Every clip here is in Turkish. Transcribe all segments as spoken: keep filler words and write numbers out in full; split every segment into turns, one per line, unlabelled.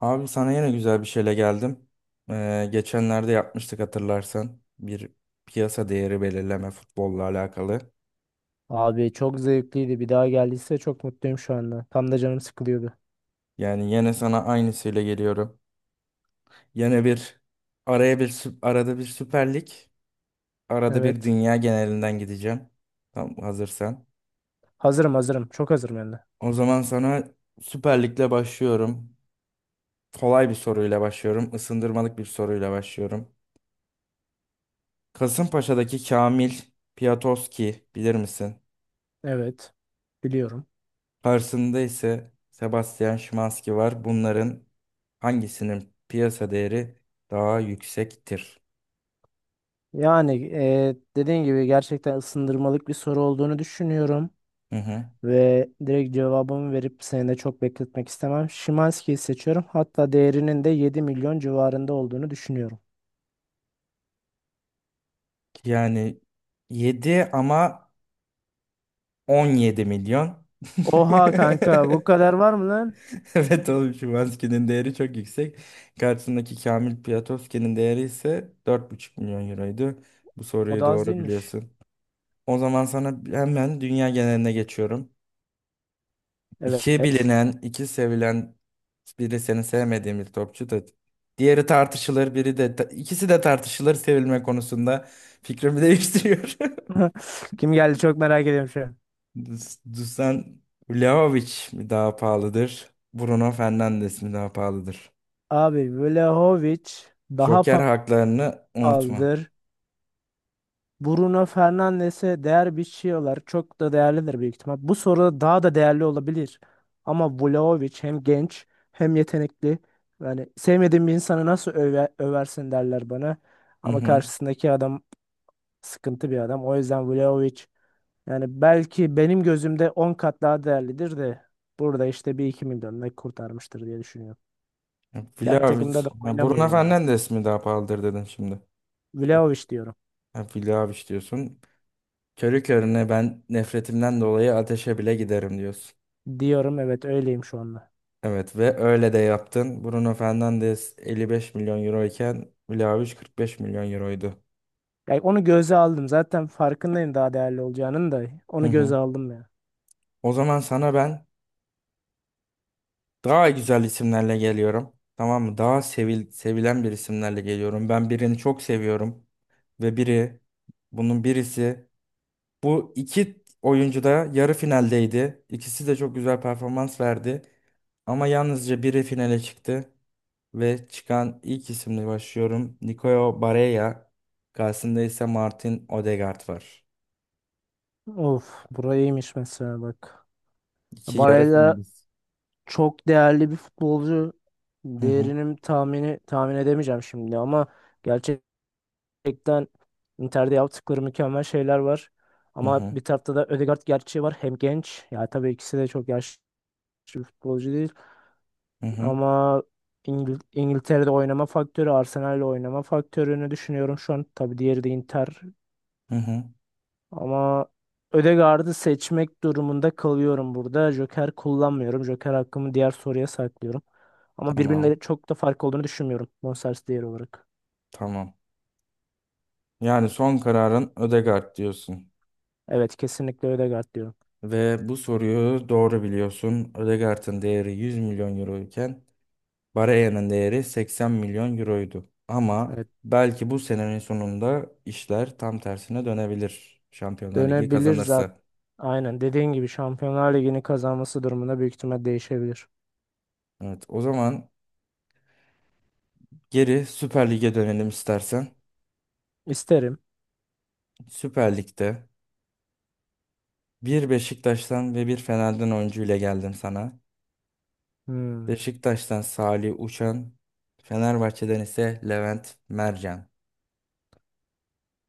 Abi sana yine güzel bir şeyle geldim. Ee, geçenlerde yapmıştık hatırlarsan. Bir piyasa değeri belirleme futbolla alakalı.
Abi çok zevkliydi. Bir daha geldiyse çok mutluyum şu anda. Tam da canım sıkılıyordu.
Yani yine sana aynısıyla geliyorum. Yine bir araya bir sü- arada bir Süper Lig, arada bir
Evet.
dünya genelinden gideceğim. Tam hazırsan.
Hazırım hazırım. Çok hazırım yani.
O zaman sana Süper Lig'le başlıyorum. Kolay bir soruyla başlıyorum. Isındırmalık bir soruyla başlıyorum. Kasımpaşa'daki Kamil Piatovski bilir misin?
Evet. Biliyorum.
Karşısında ise Sebastian Szymanski var. Bunların hangisinin piyasa değeri daha yüksektir?
Yani e, dediğin gibi gerçekten ısındırmalık bir soru olduğunu düşünüyorum.
Hı hı.
Ve direkt cevabımı verip seni de çok bekletmek istemem. Şimanski'yi seçiyorum. Hatta değerinin de yedi milyon civarında olduğunu düşünüyorum.
Yani yedi ama on yedi milyon.
Oha kanka bu kadar var mı lan?
Evet oğlum, Szymanski'nin değeri çok yüksek. Karşısındaki Kamil Piatowski'nin değeri ise dört buçuk milyon euroydu. Bu
O
soruyu
da az
doğru
değilmiş.
biliyorsun. O zaman sana hemen dünya geneline geçiyorum. İki
Evet.
bilinen, iki sevilen, biri seni sevmediğim bir topçu da, diğeri tartışılır, biri de ikisi de tartışılır sevilme konusunda fikrimi değiştiriyor.
Kim geldi çok merak ediyorum şu an.
Dus- Dusan Vlahovic mi daha pahalıdır? Bruno Fernandes mi daha pahalıdır?
Abi Vlahovic daha
Joker
pa-
haklarını unutma.
pahalıdır. Bruno Fernandes'e değer biçiyorlar. Çok da değerlidir büyük ihtimal. Bu soru daha da değerli olabilir. Ama Vlahovic hem genç hem yetenekli. Yani sevmediğim bir insanı nasıl öve- översin derler bana.
Hı
Ama
hı.
karşısındaki adam sıkıntı bir adam. O yüzden Vlahovic yani belki benim gözümde on kat daha değerlidir de burada işte bir iki milyonla kurtarmıştır diye düşünüyorum.
Ya,
Yani
Vlahovic.
takımda da
Ha,
oynamıyor
Bruno
ya.
Fernandes mi daha pahalıdır dedin şimdi.
Vlahovic diyorum.
Ha, Vlahovic diyorsun. Körü körüne ben nefretimden dolayı ateşe bile giderim diyorsun.
Diyorum evet öyleyim şu anda.
Evet ve öyle de yaptın. Bruno Fernandes elli beş milyon euro iken Vlahovic kırk beş milyon euroydu.
Yani onu göze aldım. Zaten farkındayım daha değerli olacağının da.
Hı
Onu
hı.
göze aldım ya.
O zaman sana ben daha güzel isimlerle geliyorum. Tamam mı? Daha sevil sevilen bir isimlerle geliyorum. Ben birini çok seviyorum ve biri bunun birisi bu iki oyuncu da yarı finaldeydi. İkisi de çok güzel performans verdi. Ama yalnızca biri finale çıktı. Ve çıkan ilk isimle başlıyorum. Nicolas Barella. Karşısında ise Martin Odegaard var.
Of burayıymış mesela bak.
İki yarı
Barella
finalist.
çok değerli bir futbolcu.
Hı hı
Değerinin tahmini tahmin edemeyeceğim şimdi ama gerçekten Inter'de yaptıkları mükemmel şeyler var.
hı.
Ama
Hı
bir tarafta da Ødegaard gerçeği var. Hem genç. Ya tabii ikisi de çok yaşlı bir futbolcu değil.
hı. Hı
Ama İngil- İngiltere'de oynama faktörü, Arsenal'le oynama faktörünü düşünüyorum şu an. Tabii diğeri de Inter.
hı. Hı.
Ama Ödegaard'ı seçmek durumunda kalıyorum burada. Joker kullanmıyorum. Joker hakkımı diğer soruya saklıyorum. Ama
Tamam,
birbirine çok da fark olduğunu düşünmüyorum. Bonservis değeri olarak.
tamam. Yani son kararın Odegaard diyorsun.
Evet kesinlikle Ödegaard diyorum.
Ve bu soruyu doğru biliyorsun. Odegaard'ın değeri yüz milyon euro iken Barella'nın değeri seksen milyon euroydu. Ama
Evet,
belki bu senenin sonunda işler tam tersine dönebilir. Şampiyonlar Ligi
dönebilir zaten.
kazanırsa.
Aynen dediğin gibi Şampiyonlar Ligi'ni kazanması durumunda büyük ihtimal değişebilir.
Evet, o zaman geri Süper Lig'e dönelim istersen.
İsterim.
Süper Lig'de bir Beşiktaş'tan ve bir Fener'den oyuncu ile geldim sana.
Hmm.
Beşiktaş'tan Salih Uçan, Fenerbahçe'den ise Levent Mercan.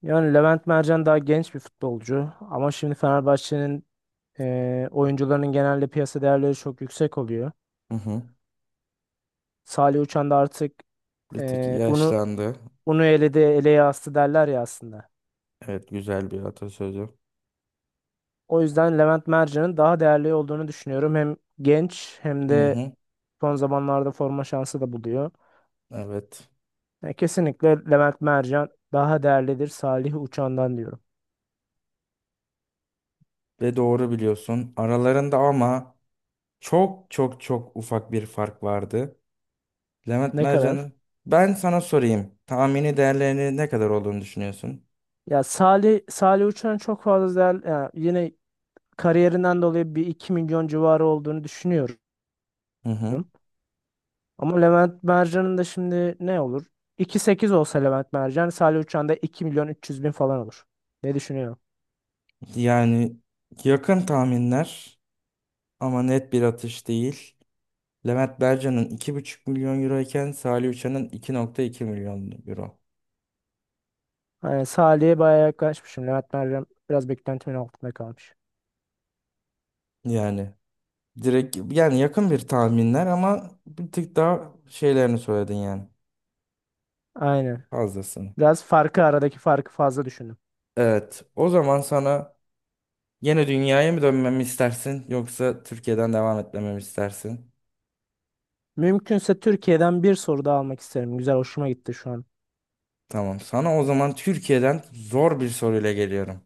Yani Levent Mercan daha genç bir futbolcu ama şimdi Fenerbahçe'nin e, oyuncularının genelde piyasa değerleri çok yüksek oluyor.
Hı hı.
Salih Uçan da artık
Bir tık
e, unu
yaşlandı.
unu eledi eleye astı derler ya aslında.
Evet, güzel bir atasözü.
O yüzden Levent Mercan'ın daha değerli olduğunu düşünüyorum. Hem genç hem
Hı
de
hı.
son zamanlarda forma şansı da buluyor.
Evet.
Yani kesinlikle Levent Mercan daha değerlidir Salih Uçan'dan diyorum.
Ve doğru biliyorsun. Aralarında ama çok çok çok ufak bir fark vardı. Levent
Ne kadar?
Mercan'ın, ben sana sorayım. Tahmini değerlerini ne kadar olduğunu düşünüyorsun?
Ya Salih Salih Uçan çok fazla değer yani yine kariyerinden dolayı bir iki milyon civarı olduğunu düşünüyorum.
Hı hı.
Ama Levent Mercan'ın da şimdi ne olur? iki virgül sekiz olsa Levent Mercan, Salih Uçan da iki milyon üç yüz bin falan olur. Ne düşünüyorum?
Yani yakın tahminler ama net bir atış değil. Levent Bercan'ın iki buçuk milyon euro iken Salih Uçan'ın iki nokta iki milyon euro.
Yani Salih'e bayağı yaklaşmışım. Levent Mercan biraz beklentimin altında kalmış.
Yani direkt yani yakın bir tahminler ama bir tık daha şeylerini söyledin yani
Aynen.
fazlasını.
Biraz farkı aradaki farkı fazla düşündüm.
Evet, o zaman sana yine dünyaya mı dönmemi istersin yoksa Türkiye'den devam etmemi istersin?
Mümkünse Türkiye'den bir soru daha almak isterim. Güzel, hoşuma gitti şu an.
Tamam, sana o zaman Türkiye'den zor bir soruyla geliyorum.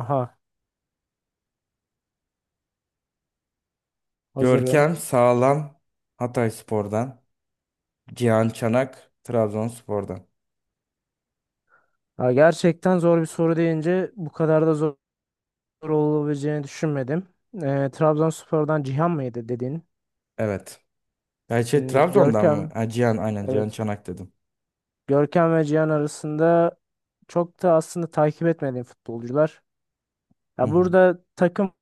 Aha, hazırım.
Görkem Sağlam Hatayspor'dan. Cihan Çanak Trabzonspor'dan.
Ha, gerçekten zor bir soru deyince bu kadar da zor olabileceğini düşünmedim. Ee, Trabzonspor'dan Cihan mıydı dedin?
Evet. Ya şey,
Hmm,
Trabzon'dan mı?
Görkem,
Ha, Cihan, aynen Cihan
evet.
Çanak dedim.
Görkem ve Cihan arasında çok da aslında takip etmediğim futbolcular.
Hı
Ya
hı.
burada takım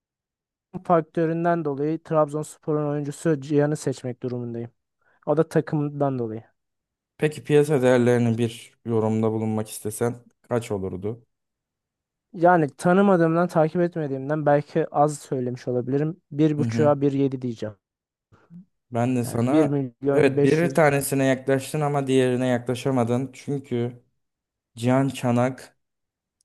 faktöründen dolayı Trabzonspor'un oyuncusu Cihan'ı seçmek durumundayım. O da takımdan dolayı.
Peki piyasa değerlerini bir yorumda bulunmak istesen kaç olurdu?
Yani tanımadığımdan, takip etmediğimden belki az söylemiş olabilirim. Bir
Hı hı.
buçuğa bir yedi diyeceğim.
Ben de
Yani bir
sana,
milyon
evet, bir tanesine yaklaştın ama diğerine yaklaşamadın. Çünkü Cihan Çanak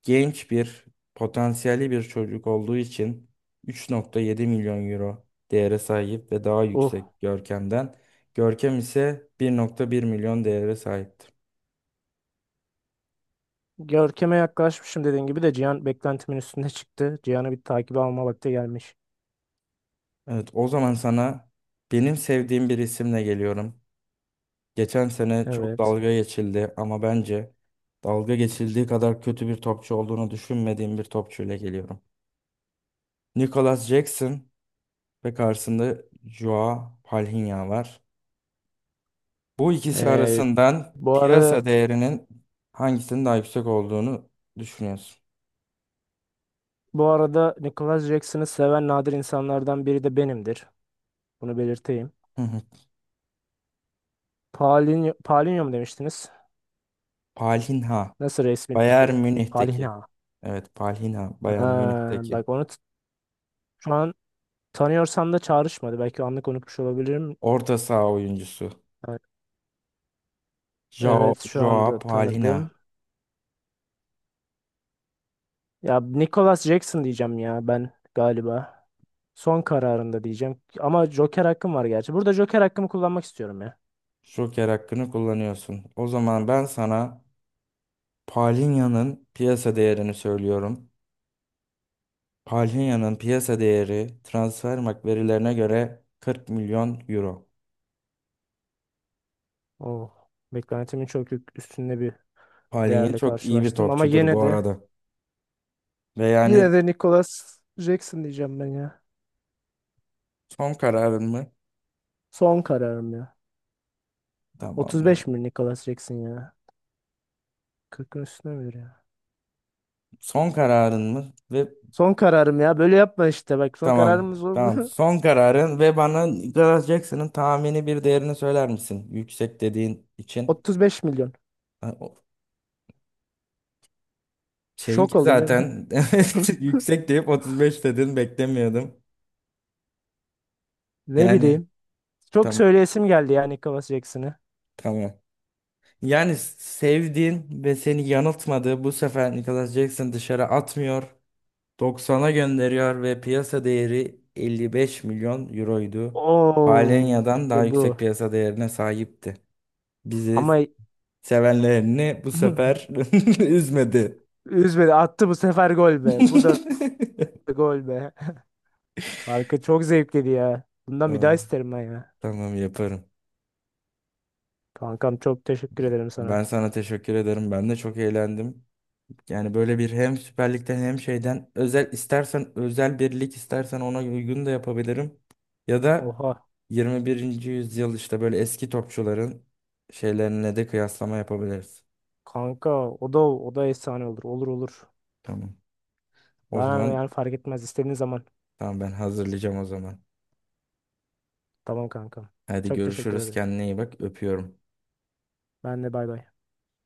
genç bir potansiyelli bir çocuk olduğu için üç nokta yedi milyon euro değere sahip ve daha
beş yüz.
yüksek Görkem'den. Görkem ise bir nokta bir milyon değere sahip.
Görkem'e yaklaşmışım dediğin gibi de Cihan beklentimin üstünde çıktı. Cihan'ı bir takibe alma vakti gelmiş.
Evet, o zaman sana benim sevdiğim bir isimle geliyorum. Geçen sene çok
Evet.
dalga geçildi ama bence dalga geçildiği kadar kötü bir topçu olduğunu düşünmediğim bir topçuyla geliyorum. Nicholas Jackson ve karşısında Joao Palhinha var. Bu ikisi
Ee,
arasından
bu arada
piyasa değerinin hangisinin daha yüksek olduğunu düşünüyorsun?
bu arada Nicholas Jackson'ı seven nadir insanlardan biri de benimdir. Bunu belirteyim.
Hı hı.
Paulinho, Paulinho mu demiştiniz?
Palhinha,
Nasıl
Bayern
resmileştirdim?
Münih'teki.
Palinha.
Evet, Palhinha, Bayern
Ha,
Münih'teki
bak onu t- şu an tanıyorsam da çağrışmadı. Belki anlık unutmuş olabilirim.
orta saha oyuncusu.
Evet,
Jao-
evet şu
Joao
anda
Palhinha.
tanıdım. Ya Nicholas Jackson diyeceğim ya ben galiba. Son kararında diyeceğim. Ama Joker hakkım var gerçi. Burada Joker hakkımı kullanmak istiyorum ya.
Joker hakkını kullanıyorsun. O zaman ben sana Palhinha'nın piyasa değerini söylüyorum. Palhinha'nın piyasa değeri Transfermarkt verilerine göre kırk milyon euro.
Oh, beklentimin çok yük- üstünde bir
Palhinha
değerle
çok iyi bir
karşılaştım. Ama
topçudur
yine
bu
de
arada. Ve yani
yine de Nicholas Jackson diyeceğim ben ya.
son kararın mı?
Son kararım ya.
Tamamdır.
otuz beş mi Nicholas Jackson ya? kırkın üstüne mi ya?
Son kararın mı? Ve
Son kararım ya. Böyle yapma işte bak. Son
tamam.
kararımız oldu.
Tamam. Son kararın, ve bana Nicolas Jackson'ın tahmini bir değerini söyler misin? Yüksek dediğin için.
otuz beş milyon.
Ha, o-
Şok
şeyinki
oldun değil mi?
zaten evet, yüksek deyip otuz beş dedin, beklemiyordum.
Ne
Yani
bileyim. Çok
tam
söyleyesim geldi ya Nicholas Jackson'ı.
tamam. Yani sevdiğin ve seni yanıltmadığı bu sefer Nicholas Jackson dışarı atmıyor. doksana gönderiyor ve piyasa değeri elli beş milyon euroydu.
Oo,
Palenya'dan daha
işte bu.
yüksek piyasa değerine sahipti. Bizi
Ama
sevenlerini bu sefer üzmedi.
üzmedi. Attı bu sefer gol be. Bu da gol be. Kanka çok zevkliydi ya. Bundan bir daha
Aa,
isterim ben ya.
tamam yaparım.
Kankam çok teşekkür ederim
Ben
sana.
sana teşekkür ederim. Ben de çok eğlendim. Yani böyle bir hem Süper Lig'den hem şeyden özel istersen, özel bir lig istersen ona uygun da yapabilirim. Ya da
Oha.
yirmi birinci yüzyıl işte böyle eski topçuların şeylerine de kıyaslama yapabiliriz.
Kanka o da o da efsane olur. Olur olur.
Tamam. O
Bana
zaman
yani fark etmez istediğin zaman.
tamam, ben hazırlayacağım o zaman.
Tamam kankam.
Hadi
Çok teşekkür
görüşürüz.
ederim.
Kendine iyi bak. Öpüyorum.
Ben de bay bay.